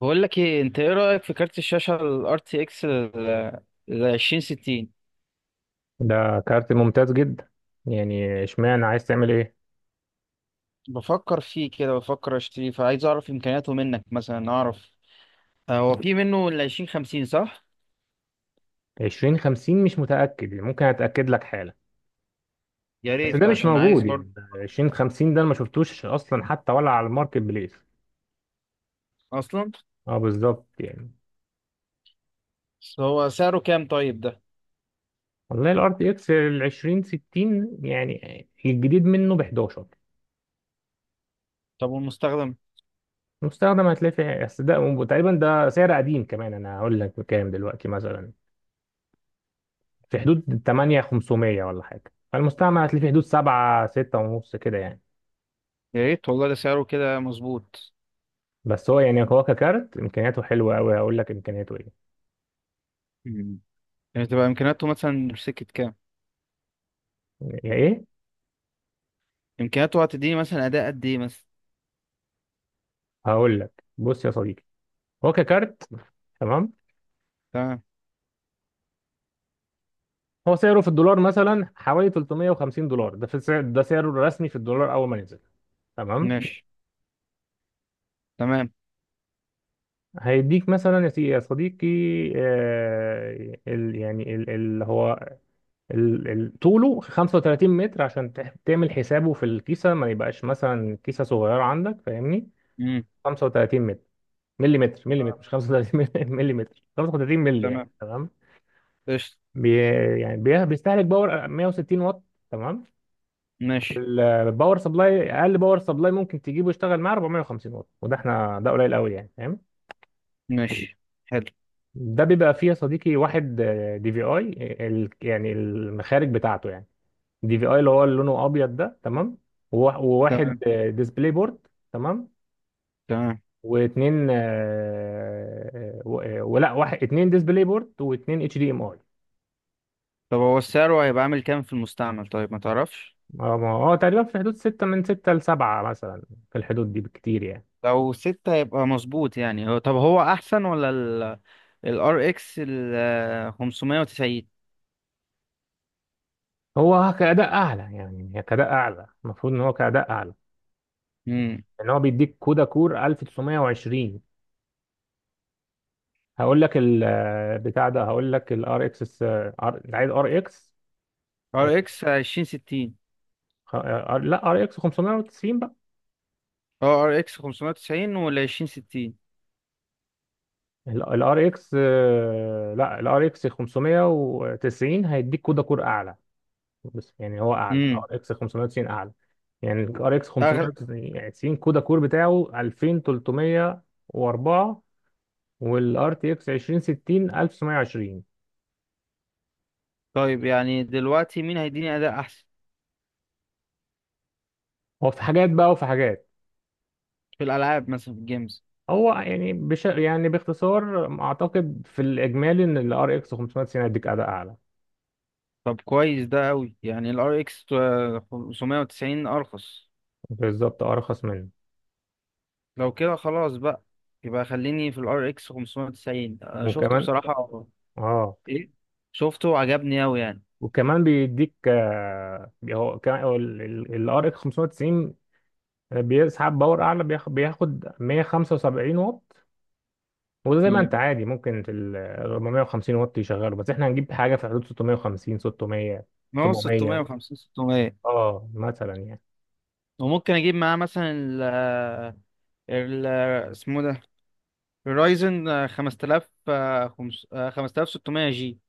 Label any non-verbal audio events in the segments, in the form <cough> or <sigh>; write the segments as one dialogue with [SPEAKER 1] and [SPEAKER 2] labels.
[SPEAKER 1] بقول لك ايه، انت ايه رأيك في كارت الشاشة ال RTX ال 2060؟
[SPEAKER 2] ده كارت ممتاز جدا. يعني اشمعنى عايز تعمل ايه؟
[SPEAKER 1] بفكر فيه كده، بفكر اشتريه، فعايز اعرف امكانياته منك. مثلا اعرف، هو في منه ال 2050 صح؟
[SPEAKER 2] عشرين خمسين مش متأكد، يعني ممكن اتأكد لك حالا.
[SPEAKER 1] يا
[SPEAKER 2] بس ده
[SPEAKER 1] ريت،
[SPEAKER 2] مش
[SPEAKER 1] عشان عايز
[SPEAKER 2] موجود
[SPEAKER 1] برضه.
[SPEAKER 2] يعني. 2050 ده أنا ما شفتوش اصلا، حتى ولا على الماركت بليس.
[SPEAKER 1] اصلا.
[SPEAKER 2] اه بالظبط يعني.
[SPEAKER 1] بس هو سعره كام طيب ده؟
[SPEAKER 2] والله الار تي اكس ال 2060، يعني الجديد منه ب 11.
[SPEAKER 1] طب والمستخدم؟
[SPEAKER 2] مستخدم هتلاقي في، بس ده تقريبا ده سعر قديم كمان. انا هقول لك بكام دلوقتي مثلا. في حدود 8500 ولا حاجه، فالمستعمل هتلاقي في حدود 7 6 ونص كده يعني.
[SPEAKER 1] يا ريت والله، ده سعره كده مظبوط.
[SPEAKER 2] بس هو ككارت امكانياته حلوه قوي، هقول لك امكانياته ايه.
[SPEAKER 1] مم. يعني تبقى امكانياته مثلا سكة كام؟
[SPEAKER 2] يا ايه؟
[SPEAKER 1] امكانياته هتديني مثلا اداء قد ايه مثلا؟
[SPEAKER 2] هقول لك، بص يا صديقي. هو ككارت، تمام.
[SPEAKER 1] تمام.
[SPEAKER 2] هو سعره في الدولار مثلا حوالي $350، ده في السعر، ده سعره الرسمي في الدولار اول ما نزل. تمام.
[SPEAKER 1] ماشي. تمام.
[SPEAKER 2] هيديك مثلا، يا صديقي. آه ال يعني ال- اللي هو ال- ال- طوله 35 متر، عشان تعمل حسابه في الكيسه، ما يبقاش مثلا كيسه صغيره عندك، فاهمني.
[SPEAKER 1] امم.
[SPEAKER 2] 35 ملي متر، ملي
[SPEAKER 1] تمام.
[SPEAKER 2] متر، مش 35. ملي متر، 35 <laughs> ملي، يعني
[SPEAKER 1] تمام.
[SPEAKER 2] تمام.
[SPEAKER 1] قشطة.
[SPEAKER 2] بي بي بيستهلك باور 160 واط، تمام.
[SPEAKER 1] ماشي.
[SPEAKER 2] الباور سبلاي، اقل باور سبلاي ممكن تجيبه يشتغل معاه 450 واط، وده احنا ده قليل قوي يعني، فاهم.
[SPEAKER 1] ماشي. حلو.
[SPEAKER 2] ده بيبقى فيه يا صديقي واحد دي في اي، يعني المخارج بتاعته يعني، دي في اي اللي هو اللي لونه ابيض ده، تمام. وواحد
[SPEAKER 1] تمام.
[SPEAKER 2] ديسبلاي بورد، تمام.
[SPEAKER 1] تمام.
[SPEAKER 2] واتنين ولا واحد، اتنين ديسبلاي بورد واتنين اتش دي ام اي.
[SPEAKER 1] طب هو السعر هيبقى عامل كام في المستعمل طيب؟ ما تعرفش؟
[SPEAKER 2] اه ما هو تقريبا في حدود ستة، من ستة لسبعة مثلا، في الحدود دي بكتير يعني.
[SPEAKER 1] لو ستة هيبقى مظبوط، يعني هو. طب هو أحسن ولا ال RX ال 590؟
[SPEAKER 2] هو كأداء أعلى، يعني هي كأداء أعلى، المفروض إن هو كأداء أعلى،
[SPEAKER 1] امم.
[SPEAKER 2] إن هو بيديك كودا كور 1920. هقول لك بتاع ده، هقول لك ال RX، أنت عايز RX،
[SPEAKER 1] RX 2060،
[SPEAKER 2] لا RX 590 بقى.
[SPEAKER 1] اه RX 590 ولا 2060؟
[SPEAKER 2] ال RX، لا ال RX 590 هيديك كودا كور أعلى. بس يعني هو اعلى،
[SPEAKER 1] امم.
[SPEAKER 2] ار اكس 590 اعلى، يعني الار اكس
[SPEAKER 1] أغلى.
[SPEAKER 2] 590 كودا كور بتاعه 2304، والار تي اكس 2060 1920.
[SPEAKER 1] طيب يعني دلوقتي مين هيديني أداء أحسن؟
[SPEAKER 2] هو في حاجات بقى، وفي حاجات.
[SPEAKER 1] في الألعاب مثلا، في الجيمز.
[SPEAKER 2] هو يعني بش يعني باختصار، اعتقد في الاجمالي ان الار اكس 590 هيديك اداء اعلى.
[SPEAKER 1] طب كويس ده أوي، يعني ال RX 590 أرخص.
[SPEAKER 2] بالظبط، ارخص منه.
[SPEAKER 1] لو كده خلاص بقى، يبقى خليني في الار اكس 590، انا شفته
[SPEAKER 2] وكمان،
[SPEAKER 1] بصراحة.
[SPEAKER 2] اه.
[SPEAKER 1] ايه، شفته عجبني اوي يعني.
[SPEAKER 2] وكمان بيديك، هو كمان الار اكس 590 بيسحب باور اعلى، بياخد 175 واط. وده زي ما
[SPEAKER 1] امم.
[SPEAKER 2] انت عادي ممكن في ال 450 واط يشغله، بس احنا هنجيب حاجه في حدود 650، 600،
[SPEAKER 1] ما هو
[SPEAKER 2] 700،
[SPEAKER 1] 650 600.
[SPEAKER 2] اه مثلا يعني.
[SPEAKER 1] وممكن اجيب معاه مثلا ال اسمه ده، الرايزن 5000، 5600 جي.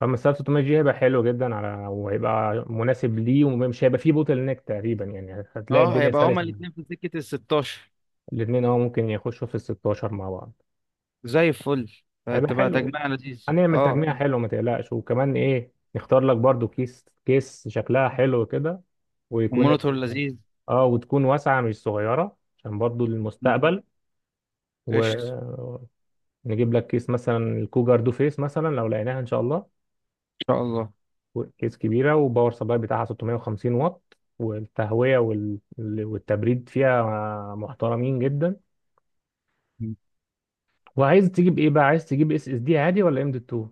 [SPEAKER 2] فما 600 جي هيبقى حلو جدا، على وهيبقى مناسب ليه، ومش هيبقى فيه بوتل نيك تقريبا يعني، هتلاقي اه
[SPEAKER 1] اه،
[SPEAKER 2] الدنيا
[SPEAKER 1] هيبقى
[SPEAKER 2] بالظبط
[SPEAKER 1] هما
[SPEAKER 2] سلسه.
[SPEAKER 1] الاثنين في سكة ال 16،
[SPEAKER 2] الاثنين اه ممكن يخشوا في ال 16 مع بعض.
[SPEAKER 1] زي الفل.
[SPEAKER 2] هيبقى بالظبط
[SPEAKER 1] هتبقى
[SPEAKER 2] حلو،
[SPEAKER 1] تجميع لذيذ
[SPEAKER 2] هنعمل اه
[SPEAKER 1] اه.
[SPEAKER 2] تجميع حلو، ما تقلقش. وكمان ايه، نختار لك برضو كيس، كيس شكلها حلو كده. ويكون
[SPEAKER 1] والمونيتور لذيذ.
[SPEAKER 2] اه وتكون واسعه، مش صغيره، عشان برضو
[SPEAKER 1] مم.
[SPEAKER 2] للمستقبل. و...
[SPEAKER 1] قشطة.
[SPEAKER 2] نجيب لك كيس مثلا الكوجر دو فيس، مثلا لو لقيناها ان شاء الله.
[SPEAKER 1] ان شاء الله.
[SPEAKER 2] كيس كبيره، وباور سبلاي بتاعها 650 واط، والتهويه والتبريد فيها محترمين جدا. وعايز تجيب ايه بقى، عايز تجيب اس اس دي عادي ولا ام دي 2؟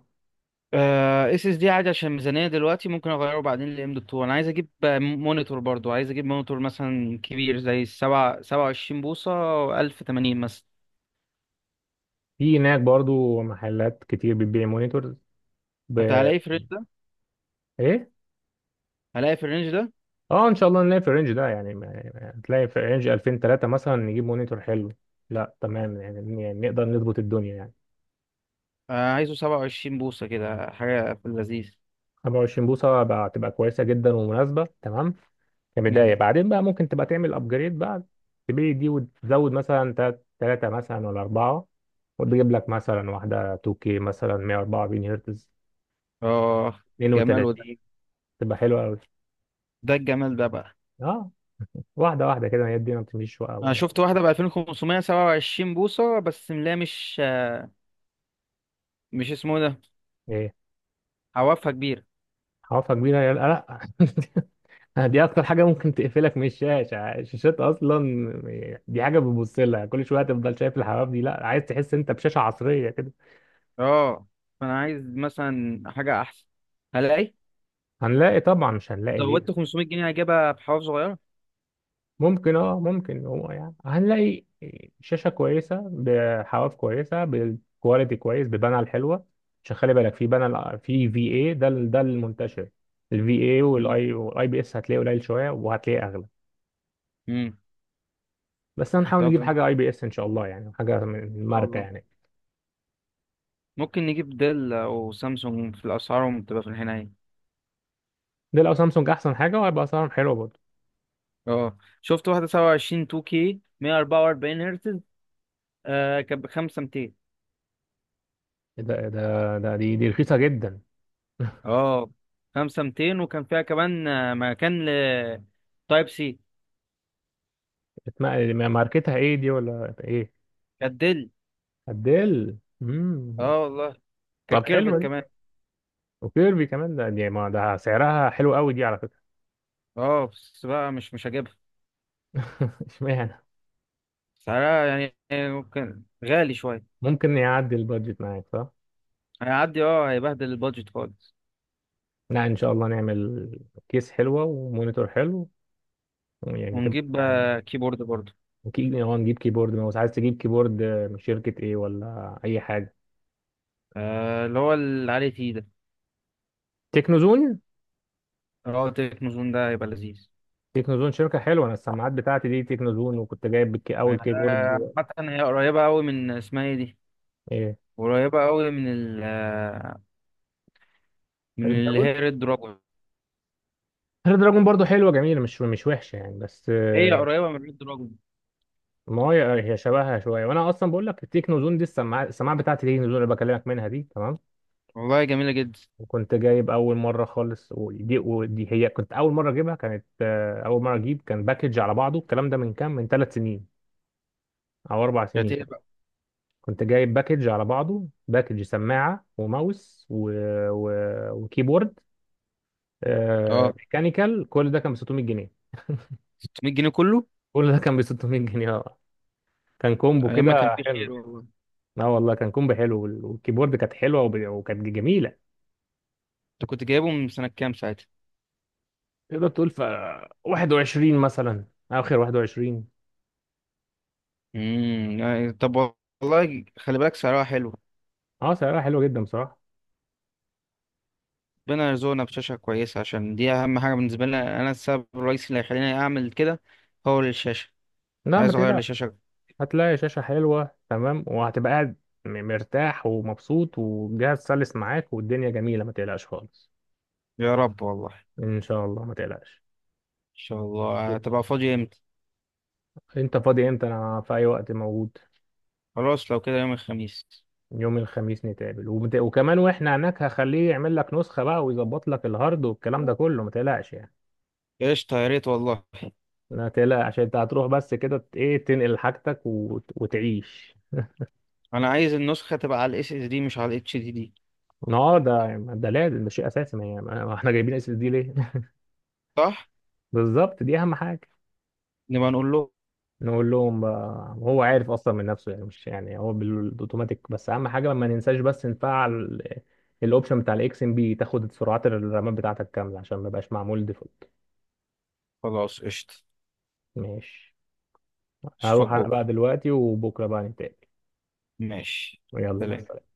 [SPEAKER 1] اس اس دي عادي عشان ميزانيه دلوقتي، ممكن اغيره بعدين لام دوت 2. انا عايز اجيب مونيتور برضو، عايز اجيب مونيتور مثلا كبير زي السبعة، 27 بوصه، 1080 مثلا.
[SPEAKER 2] في هناك برضو محلات كتير بتبيع مونيتور ب...
[SPEAKER 1] حتى هلاقي في الرينج ده؟
[SPEAKER 2] ايه.
[SPEAKER 1] هلاقي في الرينج ده.
[SPEAKER 2] اه ان شاء الله نلاقي في الرينج ده، يعني تلاقي في رينج 2000، 3 مثلا، نجيب مونيتور حلو. لا تمام، يعني نقدر نظبط الدنيا يعني.
[SPEAKER 1] عايزه 27 بوصه كده، حاجه في اللذيذ.
[SPEAKER 2] 25 بوصة بقى تبقى كويسة جدا ومناسبة، تمام كبداية.
[SPEAKER 1] مم.
[SPEAKER 2] بعدين بقى ممكن تبقى تعمل ابجريد بقى، تبيع دي وتزود مثلا تلاتة مثلا ولا أربعة، وتجيب لك مثلا واحدة 2K مثلا، 144 هرتز،
[SPEAKER 1] اه، جمال وده،
[SPEAKER 2] 32، تبقى حلوة أوي.
[SPEAKER 1] ده الجمال ده بقى.
[SPEAKER 2] اه، واحدة واحدة كده، هي دي ما بتمشيش وقع
[SPEAKER 1] انا
[SPEAKER 2] ولا
[SPEAKER 1] شفت واحده ب 2500، 27 بوصه، بس ملاها مش اسمه ده.
[SPEAKER 2] ايه؟
[SPEAKER 1] عوافها كبيره.
[SPEAKER 2] حوافها كبيرة، يا لا لا. <laughs> دي أكتر حاجة ممكن تقفلك من الشاشات أصلا، دي حاجة بتبص لها كل شوية، تفضل شايف الحواف دي، لا عايز تحس أنت بشاشة عصرية.
[SPEAKER 1] اه. فانا عايز مثلا حاجه احسن. هلاقي.
[SPEAKER 2] هنلاقي طبعا، مش هنلاقي
[SPEAKER 1] زودت
[SPEAKER 2] ليه؟
[SPEAKER 1] 500 جنيه هجيبها بحوار صغيرة.
[SPEAKER 2] ممكن، اه ممكن، هو يعني هنلاقي شاشة كويسة، بحواف كويسة، بالكواليتي كويس، ببانل الحلوة. عشان خلي بالك، في بانل في في اي، ده المنتشر، الفي اي.
[SPEAKER 1] مم.
[SPEAKER 2] والاي والاي بي اس هتلاقيه قليل شوية، وهتلاقيه اغلى.
[SPEAKER 1] مم.
[SPEAKER 2] بس هنحاول
[SPEAKER 1] طب إن
[SPEAKER 2] نجيب حاجة اي بي اس ان شاء الله، يعني حاجة من
[SPEAKER 1] شاء
[SPEAKER 2] ماركة
[SPEAKER 1] الله
[SPEAKER 2] يعني.
[SPEAKER 1] ممكن نجيب ديل أو سامسونج، في الأسعارهم بتبقى في الحناية.
[SPEAKER 2] دي لو سامسونج احسن حاجة، وهيبقى اسعارهم حلوة برضه.
[SPEAKER 1] اه شفت واحدة 27 2K 144 هرتز، آه كانت ب 5200.
[SPEAKER 2] ده ده ده دي دي رخيصة جدا.
[SPEAKER 1] اه 5200، وكان فيها كمان مكان ل تايب سي.
[SPEAKER 2] ماركتها ايه، دي ولا ايه؟
[SPEAKER 1] كانت ديل.
[SPEAKER 2] ابديل.
[SPEAKER 1] اه والله، كانت
[SPEAKER 2] طب حلوة
[SPEAKER 1] كيرفت كمان.
[SPEAKER 2] دي، وكيربي كمان، ده دي ما ده سعرها حلو قوي دي، على فكرة.
[SPEAKER 1] اه بس بقى مش هجيبها.
[SPEAKER 2] <laughs> اشمعنى؟
[SPEAKER 1] سعرها يعني ممكن غالي شوية.
[SPEAKER 2] ممكن يعدي البادجت معاك، صح؟
[SPEAKER 1] هيعدي اه، هيبهدل البادجت خالص.
[SPEAKER 2] لا ان شاء الله نعمل كيس حلوة ومونيتور حلو، يعني تبقى
[SPEAKER 1] ونجيب
[SPEAKER 2] يعني.
[SPEAKER 1] كيبورد برضه.
[SPEAKER 2] نجيب كيبورد ماوس، عايز تجيب كيبورد من شركة ايه ولا اي حاجة؟
[SPEAKER 1] اللي هو العالي فيه ده،
[SPEAKER 2] تكنوزون.
[SPEAKER 1] اللي هو تكنو زون ده هيبقى لذيذ.
[SPEAKER 2] تكنوزون شركة حلوة، انا السماعات بتاعتي دي تكنوزون، وكنت جايب اول
[SPEAKER 1] آه
[SPEAKER 2] كيبورد.
[SPEAKER 1] عامة هي قريبة أوي من اسمها ايه دي،
[SPEAKER 2] ايه؟
[SPEAKER 1] قريبة أوي من ال من
[SPEAKER 2] ريد
[SPEAKER 1] اللي
[SPEAKER 2] دراجون.
[SPEAKER 1] هي ريد دراجون.
[SPEAKER 2] ريد دراجون برضه حلوة، جميلة، مش وحشة يعني، بس
[SPEAKER 1] هي قريبة من ريد دراجون.
[SPEAKER 2] ما هو هي شبهها شويه. وانا اصلا بقول لك، التكنو زون دي، السماعه بتاعتي دي التكنو زون، اللي بكلمك منها دي، تمام.
[SPEAKER 1] والله جميلة جدا.
[SPEAKER 2] وكنت جايب اول مره خالص، ودي هي كنت اول مره اجيبها، كانت اول مره اجيب كان باكج على بعضه. الكلام ده من كام، من 3 سنين او 4 سنين.
[SPEAKER 1] شاتيه بقى.
[SPEAKER 2] كنت جايب باكج على بعضه، باكج سماعه وماوس و... وكيبورد
[SPEAKER 1] اه،
[SPEAKER 2] ميكانيكال، كل ده كان ب 600 جنيه.
[SPEAKER 1] 600 جنيه كله.
[SPEAKER 2] كل ده كان ب 600 جنيه، اه، كان كومبو
[SPEAKER 1] أيام ما كان
[SPEAKER 2] كده
[SPEAKER 1] في
[SPEAKER 2] حلو.
[SPEAKER 1] خير والله.
[SPEAKER 2] اه والله، كان كومبو حلو، والكيبورد كانت حلوه، وكانت جميله.
[SPEAKER 1] أنت كنت جايبه من سنة كام ساعتها؟
[SPEAKER 2] تقدر تقول في 21 مثلا، اخر 21.
[SPEAKER 1] امم، يعني طب. والله خلي بالك سعرها حلو.
[SPEAKER 2] اه سعرها حلوه جدا بصراحه.
[SPEAKER 1] ربنا يرزقنا بشاشة كويسة، عشان دي أهم حاجة بالنسبة لنا. أنا السبب الرئيسي اللي هيخليني أعمل كده هو الشاشة.
[SPEAKER 2] لا ما
[SPEAKER 1] عايز أغير
[SPEAKER 2] تقلقش،
[SPEAKER 1] لشاشة.
[SPEAKER 2] هتلاقي شاشه حلوه تمام وهتبقى قاعد مرتاح ومبسوط، والجهاز سلس معاك، والدنيا جميله، ما تقلقش خالص.
[SPEAKER 1] يا رب والله ان
[SPEAKER 2] ان شاء الله ما تقلقش.
[SPEAKER 1] شاء الله. هتبقى فاضي امتى؟
[SPEAKER 2] انت فاضي امتى؟ انا في اي وقت موجود.
[SPEAKER 1] خلاص لو كده يوم الخميس.
[SPEAKER 2] يوم الخميس نتقابل، وكمان واحنا هناك هخليه يعمل لك نسخه بقى، ويظبط لك الهارد والكلام ده كله، ما تقلقش يعني.
[SPEAKER 1] قشطة يا ريت والله.
[SPEAKER 2] لا تقلق، عشان انت هتروح بس كده، ت- ايه تنقل حاجتك وتعيش.
[SPEAKER 1] انا عايز النسخة تبقى على الاس اس دي مش على الاتش دي دي.
[SPEAKER 2] اه ده ده لازم، ده شيء اساسي، ما احنا جايبين اس اس دي ليه؟ <laughs>
[SPEAKER 1] صح.
[SPEAKER 2] بالظبط، دي اهم حاجه.
[SPEAKER 1] نبقى نقول له.
[SPEAKER 2] نقول لهم بقى، هو عارف اصلا من نفسه، يعني مش يعني، هو بالاوتوماتيك. بس اهم حاجه ما ننساش، بس نفعل الاوبشن بتاع الاكس ام بي، تاخد سرعات الرامات بتاعتك كامله، عشان ما يبقاش معمول ديفولت.
[SPEAKER 1] خلاص قشطة.
[SPEAKER 2] ماشي.
[SPEAKER 1] اشوفك
[SPEAKER 2] هروح انا
[SPEAKER 1] بكرة.
[SPEAKER 2] بقى دلوقتي، وبكره بقى نتقابل.
[SPEAKER 1] ماشي.
[SPEAKER 2] يلا مع
[SPEAKER 1] سلام.
[SPEAKER 2] السلامه.